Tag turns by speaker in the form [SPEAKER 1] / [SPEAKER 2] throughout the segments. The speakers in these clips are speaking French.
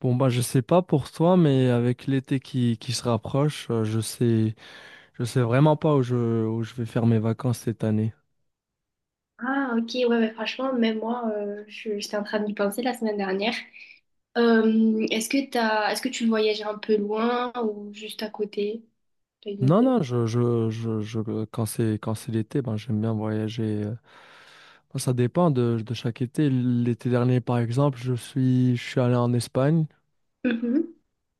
[SPEAKER 1] Bon bah je sais pas pour toi mais avec l'été qui se rapproche, je sais vraiment pas où je vais faire mes vacances cette année.
[SPEAKER 2] Ah, ok, ouais, ouais, franchement, même moi, j'étais en train d'y penser la semaine dernière. Est-ce que est-ce que tu voyages un peu loin ou juste à côté? T'as une
[SPEAKER 1] Non
[SPEAKER 2] idée?
[SPEAKER 1] non, je quand c'est l'été, ben j'aime bien voyager. Bon, ça dépend de chaque été. L'été dernier par exemple, je suis allé en Espagne.
[SPEAKER 2] Mhm.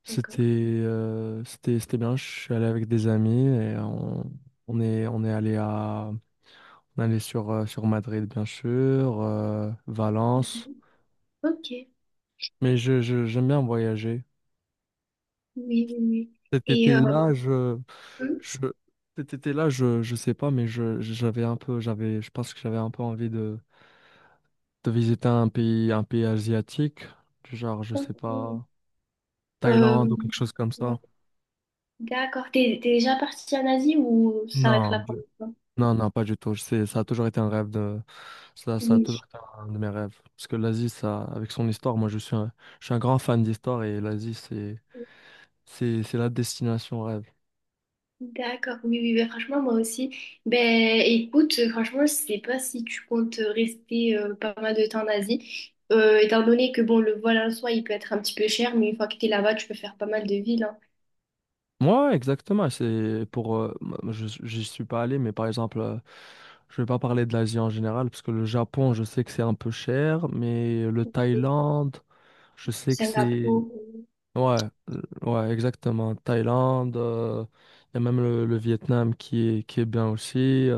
[SPEAKER 1] C'était
[SPEAKER 2] D'accord.
[SPEAKER 1] c'était bien, je suis allé avec des amis et on est on est allé à on est allé sur sur Madrid bien sûr, Valence.
[SPEAKER 2] Mhm. Ok, oui,
[SPEAKER 1] Mais j'aime bien voyager.
[SPEAKER 2] oui, oui.
[SPEAKER 1] Cet
[SPEAKER 2] Et,
[SPEAKER 1] été-là, je, cet été-là, je sais pas, mais je, j'avais un peu, j'avais, je pense que j'avais un peu envie de visiter un pays asiatique, du genre, je sais
[SPEAKER 2] mhm.
[SPEAKER 1] pas,
[SPEAKER 2] Euh,
[SPEAKER 1] Thaïlande ou quelque chose comme ça.
[SPEAKER 2] d'accord, t'es déjà partie en Asie ou ça va être
[SPEAKER 1] Non,
[SPEAKER 2] la
[SPEAKER 1] de-
[SPEAKER 2] première fois?
[SPEAKER 1] non, non, pas du tout. Ça a toujours été un rêve de, ça a toujours
[SPEAKER 2] Oui.
[SPEAKER 1] été un de mes rêves. Parce que l'Asie, ça, avec son histoire, moi, je suis un grand fan d'histoire et l'Asie, c'est la destination rêve.
[SPEAKER 2] D'accord, oui, oui, ben, franchement, moi aussi. Ben, écoute, franchement, je sais pas si tu comptes rester pas mal de temps en Asie. Étant donné que, bon, le vol en soi, il peut être un petit peu cher, mais une fois que t'es là-bas, tu peux faire pas mal de villes, hein.
[SPEAKER 1] Moi, exactement. C'est pour, j'y suis pas allé, mais par exemple, je vais pas parler de l'Asie en général, parce que le Japon, je sais que c'est un peu cher, mais le Thaïlande, je sais que c'est,
[SPEAKER 2] Singapour,
[SPEAKER 1] ouais, ouais, exactement. Thaïlande, il y a même le Vietnam qui est bien aussi,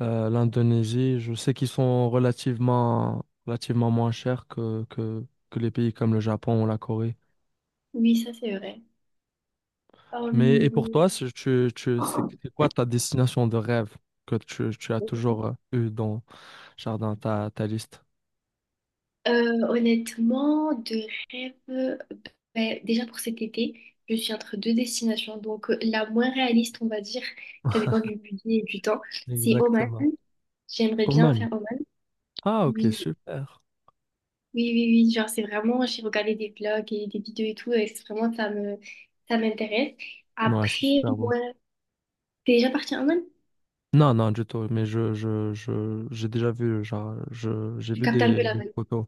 [SPEAKER 1] l'Indonésie, je sais qu'ils sont relativement moins chers que les pays comme le Japon ou la Corée.
[SPEAKER 2] oui, ça, c'est vrai.
[SPEAKER 1] Mais et pour toi,
[SPEAKER 2] Hum,
[SPEAKER 1] c'est c'est quoi ta destination de rêve que tu as toujours eu dans Jardin, ta liste?
[SPEAKER 2] honnêtement, de rêve, ben, déjà pour cet été, je suis entre deux destinations, donc la moins réaliste, on va dire, ça dépend du budget et du temps, c'est Oman.
[SPEAKER 1] Exactement.
[SPEAKER 2] J'aimerais bien faire
[SPEAKER 1] Oman.
[SPEAKER 2] Oman.
[SPEAKER 1] Ah, ok,
[SPEAKER 2] Oui,
[SPEAKER 1] super.
[SPEAKER 2] oui, oui, oui, genre c'est vraiment, j'ai regardé des vlogs et des vidéos et tout, et c'est vraiment, ça m'intéresse.
[SPEAKER 1] Ouais, c'est
[SPEAKER 2] Après,
[SPEAKER 1] super beau.
[SPEAKER 2] moi, t'es déjà parti en Inde?
[SPEAKER 1] Non, non, du tout. Mais j'ai déjà vu, genre, j'ai
[SPEAKER 2] Je
[SPEAKER 1] vu
[SPEAKER 2] capte un peu la
[SPEAKER 1] des
[SPEAKER 2] vibe.
[SPEAKER 1] photos.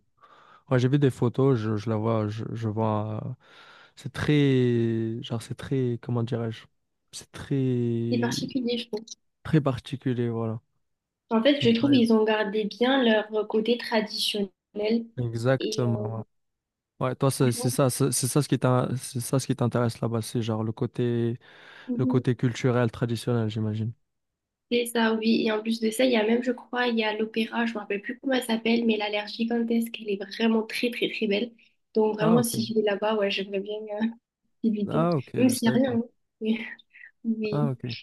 [SPEAKER 1] Ouais, j'ai vu des photos, je vois. C'est très, genre, c'est très, comment dirais-je? C'est
[SPEAKER 2] C'est
[SPEAKER 1] très,
[SPEAKER 2] particulier, je trouve.
[SPEAKER 1] très particulier, voilà.
[SPEAKER 2] En fait, je trouve
[SPEAKER 1] Ouais,
[SPEAKER 2] ils ont gardé bien leur côté traditionnel. Et
[SPEAKER 1] exactement. Ouais, toi,
[SPEAKER 2] franchement,
[SPEAKER 1] c'est ça ce qui t'in- c'est ça ce qui t'intéresse là-bas, c'est genre le
[SPEAKER 2] mhm,
[SPEAKER 1] côté culturel, traditionnel, j'imagine.
[SPEAKER 2] c'est ça, oui. Et en plus de ça, il y a même, je crois, il y a l'opéra, je me rappelle plus comment elle s'appelle, mais elle a l'air gigantesque, elle est vraiment très, très, très belle. Donc
[SPEAKER 1] Ah,
[SPEAKER 2] vraiment, si
[SPEAKER 1] ok.
[SPEAKER 2] je vais là-bas, ouais, j'aimerais bien euh, visiter.
[SPEAKER 1] Ah, ok,
[SPEAKER 2] Même
[SPEAKER 1] je
[SPEAKER 2] s'il n'y
[SPEAKER 1] savais
[SPEAKER 2] a
[SPEAKER 1] pas.
[SPEAKER 2] rien, hein.
[SPEAKER 1] Ah,
[SPEAKER 2] Oui.
[SPEAKER 1] ok.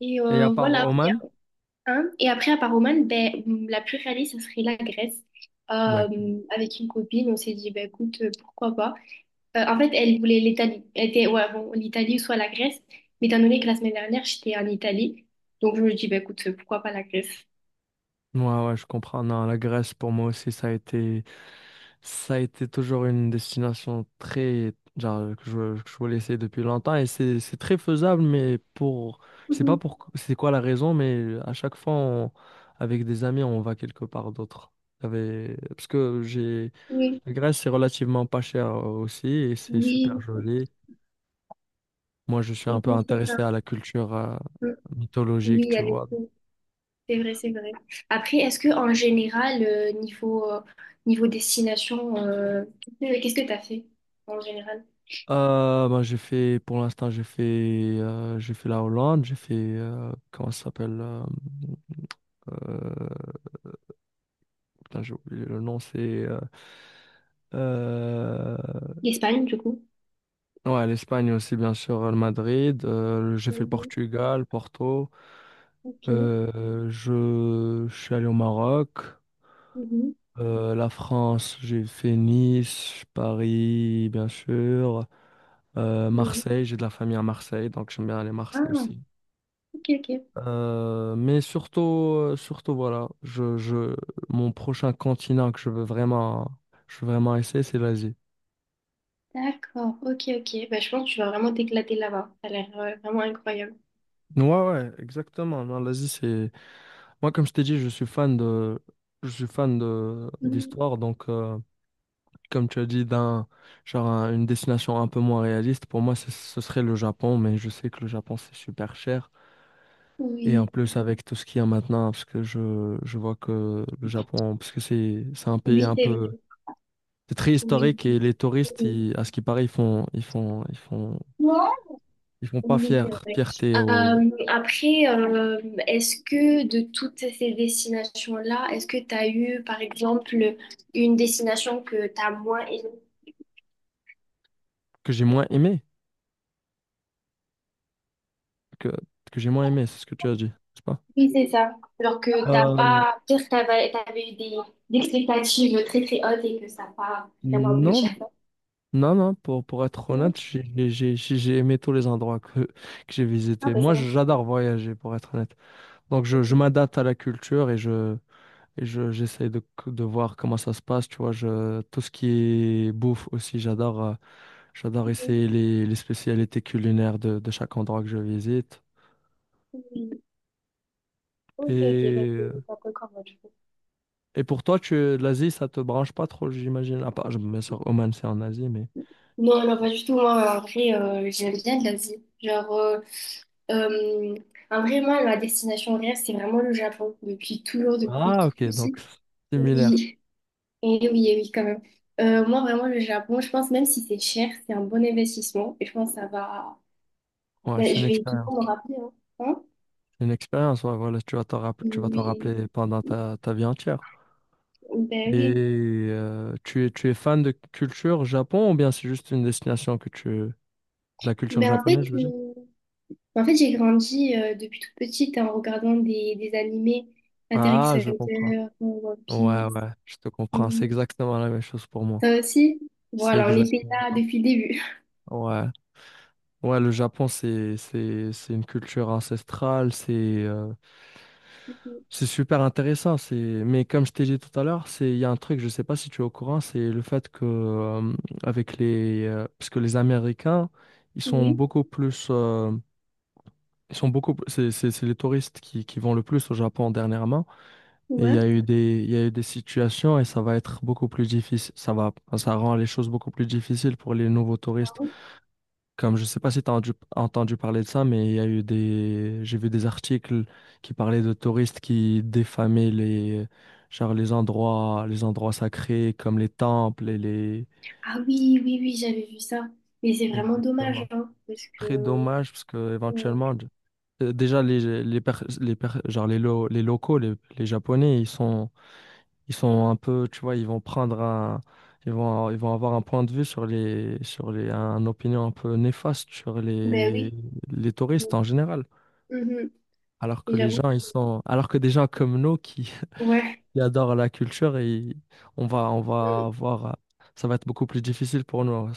[SPEAKER 2] Et
[SPEAKER 1] Et à part
[SPEAKER 2] voilà, il y
[SPEAKER 1] Oman?
[SPEAKER 2] a un. Et après, à part Oman, ben, la plus réaliste, ça serait la Grèce.
[SPEAKER 1] D'accord.
[SPEAKER 2] Avec une copine, on s'est dit, ben, écoute, pourquoi pas. En fait, elle voulait l'Italie. Elle était, ouais, bon, l'Italie ou soit la Grèce. Mais étant donné que la semaine dernière, j'étais en Italie, donc je me dis, ben, écoute, pourquoi pas la Grèce?
[SPEAKER 1] Ouais, ouais, je comprends. Non, la Grèce, pour moi aussi, ça a été toujours une destination très, genre, que que je voulais essayer depuis longtemps et c'est très faisable, mais pour, je sais pas
[SPEAKER 2] Mhm.
[SPEAKER 1] pour, c'est quoi la raison, mais à chaque fois, on- avec des amis, on va quelque part d'autre. J'avais- Parce que j'ai
[SPEAKER 2] Oui,
[SPEAKER 1] la Grèce, c'est relativement pas cher aussi et c'est super
[SPEAKER 2] oui,
[SPEAKER 1] joli. Moi, je suis un
[SPEAKER 2] oui,
[SPEAKER 1] peu
[SPEAKER 2] c'est ça.
[SPEAKER 1] intéressé à la culture
[SPEAKER 2] Mm.
[SPEAKER 1] mythologique,
[SPEAKER 2] Oui,
[SPEAKER 1] tu
[SPEAKER 2] elle est
[SPEAKER 1] vois.
[SPEAKER 2] cool. C'est vrai, c'est vrai. Après, est-ce que en général, niveau, niveau destination, qu'est-ce que tu as fait en général?
[SPEAKER 1] Ben, j'ai fait la Hollande, j'ai fait, comment ça s'appelle euh, putain, j'ai oublié le nom, c'est... euh,
[SPEAKER 2] L'Espagne, du coup.
[SPEAKER 1] ouais, l'Espagne aussi, bien sûr, le Madrid. J'ai fait le
[SPEAKER 2] Mhm.
[SPEAKER 1] Portugal, Porto.
[SPEAKER 2] Ok.
[SPEAKER 1] Je suis allé au Maroc.
[SPEAKER 2] Mhm.
[SPEAKER 1] La France, j'ai fait Nice, Paris, bien sûr.
[SPEAKER 2] Mhm.
[SPEAKER 1] Marseille, j'ai de la famille à Marseille, donc j'aime bien aller à Marseille
[SPEAKER 2] Ah,
[SPEAKER 1] aussi.
[SPEAKER 2] ok, ok.
[SPEAKER 1] Mais surtout, mon prochain continent que je veux vraiment essayer, c'est l'Asie.
[SPEAKER 2] D'accord. Ok, ok. Bah, je pense que tu vas vraiment t'éclater là-bas. Ça a l'air vraiment incroyable.
[SPEAKER 1] Ouais, ouais, exactement. Non, l'Asie, c'est. Moi, comme je t'ai dit, je suis fan de
[SPEAKER 2] Mhm.
[SPEAKER 1] d'histoire, donc. Comme tu as dit, d'un genre un- une destination un peu moins réaliste, pour moi, ce serait le Japon, mais je sais que le Japon, c'est super cher. Et en
[SPEAKER 2] Oui,
[SPEAKER 1] plus, avec tout ce qu'il y a maintenant, parce que je vois que le Japon, parce que c'est un pays
[SPEAKER 2] oui,
[SPEAKER 1] un
[SPEAKER 2] c'est
[SPEAKER 1] peu...
[SPEAKER 2] vrai.
[SPEAKER 1] C'est très
[SPEAKER 2] Oui,
[SPEAKER 1] historique et les touristes,
[SPEAKER 2] oui,
[SPEAKER 1] ils- à ce qui paraît, ils font pas
[SPEAKER 2] Oui,
[SPEAKER 1] fier,
[SPEAKER 2] c'est vrai.
[SPEAKER 1] fierté au...
[SPEAKER 2] Après, est-ce que de toutes ces destinations-là, est-ce que tu as eu, par exemple, une destination que tu as moins aimée?
[SPEAKER 1] que j'ai moins aimé, que, que j'ai moins aimé, c'est ce que tu as dit, n'est-ce pas?
[SPEAKER 2] Oui, c'est ça. Alors que t'as
[SPEAKER 1] Euh,
[SPEAKER 2] pas, peut-être t'avais eu des expectatives très très hautes et que ça n'a pas vraiment abouti
[SPEAKER 1] Non,
[SPEAKER 2] à
[SPEAKER 1] non, non, pour être
[SPEAKER 2] non.
[SPEAKER 1] honnête, j'ai aimé tous les endroits que j'ai
[SPEAKER 2] Ah
[SPEAKER 1] visités.
[SPEAKER 2] ben ça
[SPEAKER 1] Moi,
[SPEAKER 2] va.
[SPEAKER 1] j'adore voyager, pour être honnête. Donc, je
[SPEAKER 2] Mhm.
[SPEAKER 1] m'adapte à la culture et j'essaie de voir comment ça se passe. Tu vois, je, tout ce qui est bouffe aussi, j'adore, j'adore
[SPEAKER 2] Mhm.
[SPEAKER 1] essayer les spécialités culinaires de chaque endroit que je visite.
[SPEAKER 2] Mhm. Ok, ok, bah,
[SPEAKER 1] Et,
[SPEAKER 2] t'es un peu comme moi, du coup.
[SPEAKER 1] et pour toi, tu, l'Asie, ça te branche pas trop, j'imagine. À part, bien sûr, Oman, c'est en Asie, mais.
[SPEAKER 2] Non, non, pas du tout. Moi, en vrai, j'aime bien l'Asie. Genre, euh, en vrai, moi, ma destination rêve, c'est vraiment le Japon. Depuis toujours, depuis
[SPEAKER 1] Ah,
[SPEAKER 2] tout
[SPEAKER 1] ok, donc,
[SPEAKER 2] petit.
[SPEAKER 1] similaire.
[SPEAKER 2] Oui, et oui, et oui, quand même. Moi, vraiment, le Japon, je pense, même si c'est cher, c'est un bon investissement. Et je pense que ça va.
[SPEAKER 1] Ouais,
[SPEAKER 2] Ben,
[SPEAKER 1] c'est une
[SPEAKER 2] je vais
[SPEAKER 1] expérience.
[SPEAKER 2] toujours me rappeler, hein. Hein?
[SPEAKER 1] Une expérience, ouais, voilà, tu vas t'en rapp- tu vas t'en
[SPEAKER 2] Oui,
[SPEAKER 1] rappeler pendant ta vie entière. Et
[SPEAKER 2] oui.
[SPEAKER 1] tu es fan de culture Japon ou bien c'est juste une destination que tu... de la culture
[SPEAKER 2] Ben en fait,
[SPEAKER 1] japonaise, je veux dire?
[SPEAKER 2] euh, ben, en fait j'ai grandi depuis toute petite hein, en regardant des animés, Astérix
[SPEAKER 1] Ah,
[SPEAKER 2] et
[SPEAKER 1] je comprends.
[SPEAKER 2] Hunter, One
[SPEAKER 1] Ouais,
[SPEAKER 2] Piece.
[SPEAKER 1] ouais, je te comprends. C'est
[SPEAKER 2] Mhm.
[SPEAKER 1] exactement la même chose pour moi.
[SPEAKER 2] Toi aussi?
[SPEAKER 1] C'est
[SPEAKER 2] Voilà, on était
[SPEAKER 1] exactement.
[SPEAKER 2] là depuis le début.
[SPEAKER 1] Ouais. Ouais, le Japon, c'est une culture ancestrale, c'est... C'est super intéressant, c'est... mais comme je t'ai dit tout à l'heure, c'est... il y a un truc, je sais pas si tu es au courant, c'est le fait que, avec les... parce que les Américains, ils sont
[SPEAKER 2] Oui,
[SPEAKER 1] beaucoup plus... ils sont beaucoup... p- C'est les touristes qui vont le plus au Japon dernièrement. Et il y
[SPEAKER 2] ouais.
[SPEAKER 1] a eu des... il y a eu des situations et ça va être beaucoup plus difficile. Ça va... enfin, ça rend les choses beaucoup plus difficiles pour les nouveaux
[SPEAKER 2] Ah
[SPEAKER 1] touristes.
[SPEAKER 2] ouais.
[SPEAKER 1] Comme je sais pas si tu as entendu parler de ça, mais il y a eu des, j'ai vu des articles qui parlaient de touristes qui défamaient les, genre les endroits sacrés comme les temples et les.
[SPEAKER 2] Ah oui, oui, oui, j'avais vu ça. Mais c'est vraiment dommage,
[SPEAKER 1] Exactement.
[SPEAKER 2] hein,
[SPEAKER 1] C'est
[SPEAKER 2] parce
[SPEAKER 1] très
[SPEAKER 2] que...
[SPEAKER 1] dommage parce que
[SPEAKER 2] euh,
[SPEAKER 1] éventuellement, d- déjà les per- genre les lo- les locaux, les Japonais, ils sont un peu, tu vois, ils vont prendre un, ils vont avoir un point de vue un opinion un peu néfaste sur
[SPEAKER 2] ben oui.
[SPEAKER 1] les touristes
[SPEAKER 2] Bon.
[SPEAKER 1] en général.
[SPEAKER 2] Mhm.
[SPEAKER 1] Alors que
[SPEAKER 2] Et
[SPEAKER 1] les gens, ils sont, alors que des gens comme nous qui,
[SPEAKER 2] ouais.
[SPEAKER 1] qui adorent la culture, et on va avoir, ça va être beaucoup plus difficile pour nous. Ouais.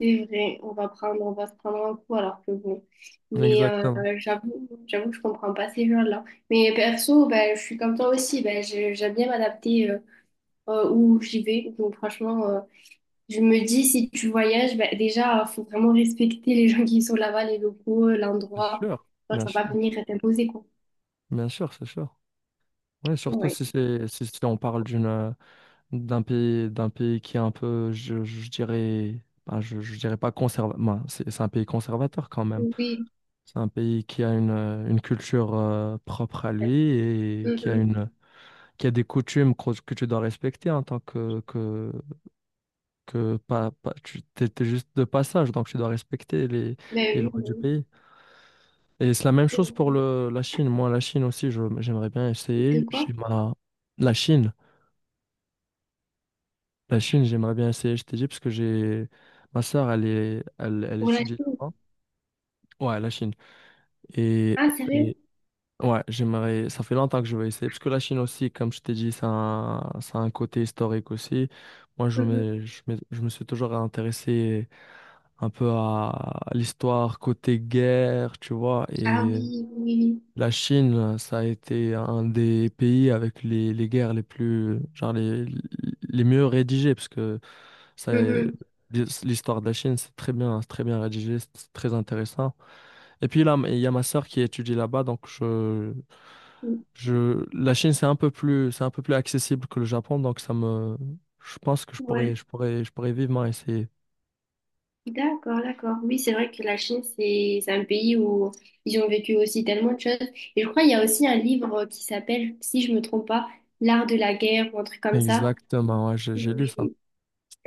[SPEAKER 2] C'est vrai, on va se prendre un coup alors que bon. Mais
[SPEAKER 1] Exactement.
[SPEAKER 2] j'avoue, j'avoue que je comprends pas ces gens-là. Mais perso, ben, je suis comme toi aussi, ben, j'aime bien m'adapter où j'y vais. Donc franchement, je me dis, si tu voyages, ben, déjà, faut vraiment respecter les gens qui sont là-bas, les locaux,
[SPEAKER 1] C'est
[SPEAKER 2] l'endroit.
[SPEAKER 1] sûr,
[SPEAKER 2] Enfin,
[SPEAKER 1] bien
[SPEAKER 2] ça va pas
[SPEAKER 1] sûr,
[SPEAKER 2] venir t'imposer, quoi.
[SPEAKER 1] bien sûr, c'est sûr. Oui, surtout
[SPEAKER 2] Ouais.
[SPEAKER 1] si c'est, si on parle d'une, d'un pays qui est un peu, je dirais, je dirais pas conservateur. c'est un pays conservateur quand même.
[SPEAKER 2] Oui.
[SPEAKER 1] C'est un pays qui a une culture propre à lui et qui a
[SPEAKER 2] Mhm.
[SPEAKER 1] une, qui a des coutumes que tu dois respecter en tant que pas, pas, tu étais juste de passage, donc tu dois respecter
[SPEAKER 2] Ben
[SPEAKER 1] les
[SPEAKER 2] oui,
[SPEAKER 1] lois
[SPEAKER 2] ben
[SPEAKER 1] du
[SPEAKER 2] oui.
[SPEAKER 1] pays. Et c'est la même
[SPEAKER 2] Et
[SPEAKER 1] chose pour le, la Chine. Moi, la Chine aussi, je- j'aimerais bien
[SPEAKER 2] de
[SPEAKER 1] essayer. J'ai
[SPEAKER 2] quoi?
[SPEAKER 1] ma... La Chine, la Chine, j'aimerais bien essayer, je t'ai dit, parce que j'ai... Ma sœur, elle
[SPEAKER 2] Pour la
[SPEAKER 1] étudie
[SPEAKER 2] Chine.
[SPEAKER 1] là-bas. Ouais, la Chine. Et,
[SPEAKER 2] Ah, sérieux?
[SPEAKER 1] et ouais, j'aimerais. Ça fait longtemps que je veux essayer. Parce que la Chine aussi, comme je t'ai dit, ça a un côté historique aussi. Moi,
[SPEAKER 2] Mhm.
[SPEAKER 1] je me suis toujours intéressé un peu à l'histoire côté guerre, tu vois.
[SPEAKER 2] Ah
[SPEAKER 1] Et
[SPEAKER 2] oui, oui,
[SPEAKER 1] la Chine, ça a été un des pays avec les guerres les plus, genre les mieux rédigées. Parce que ça,
[SPEAKER 2] oui.
[SPEAKER 1] l'histoire de la Chine, c'est très bien rédigé, c'est très intéressant. Et puis là, il y a ma sœur qui étudie là-bas, donc
[SPEAKER 2] Mhm.
[SPEAKER 1] la Chine, c'est un peu plus accessible que le Japon, donc ça me, je pense que
[SPEAKER 2] Ouais.
[SPEAKER 1] je pourrais vivement essayer.
[SPEAKER 2] D'accord, d'accord. Oui, c'est vrai que la Chine, c'est un pays où ils ont vécu aussi tellement de choses. Et je crois qu'il y a aussi un livre qui s'appelle, si je me trompe pas, L'art de la guerre ou un truc comme ça.
[SPEAKER 1] Exactement, ouais, j'ai lu
[SPEAKER 2] Oui.
[SPEAKER 1] ça.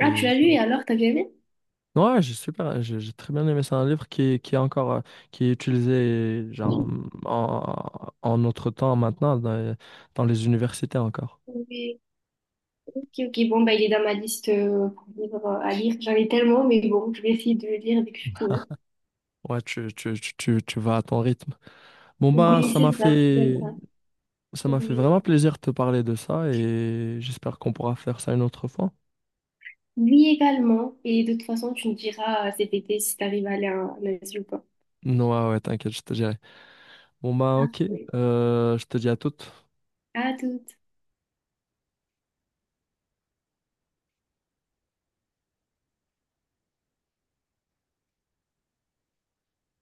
[SPEAKER 2] Ah, tu l'as lu et alors, t'as bien aimé?
[SPEAKER 1] Ouais, j'ai super, j'ai très bien aimé. C'est un livre qui est encore, qui est utilisé genre en, en notre temps maintenant dans, dans les universités encore.
[SPEAKER 2] Oui. Ok, ok. Bon, bah, il est dans ma liste pour livres à lire. J'en ai tellement, mais bon, je vais essayer de le lire dès que je pourrai.
[SPEAKER 1] Ouais, tu vas à ton rythme. Bon bah,
[SPEAKER 2] Oui,
[SPEAKER 1] ça m'a
[SPEAKER 2] c'est ça, c'est bien
[SPEAKER 1] fait,
[SPEAKER 2] ça.
[SPEAKER 1] ça m'a fait
[SPEAKER 2] Oui.
[SPEAKER 1] vraiment plaisir de te parler de ça et j'espère qu'on pourra faire ça une autre fois.
[SPEAKER 2] Lui également. Et de toute façon, tu me diras cet été si t'arrives à aller à un Asie ou pas.
[SPEAKER 1] Non, ouais, ouais, t'inquiète, je te dirai. Bon, bah, ok.
[SPEAKER 2] Parfait.
[SPEAKER 1] Je te dis à toute
[SPEAKER 2] À toutes.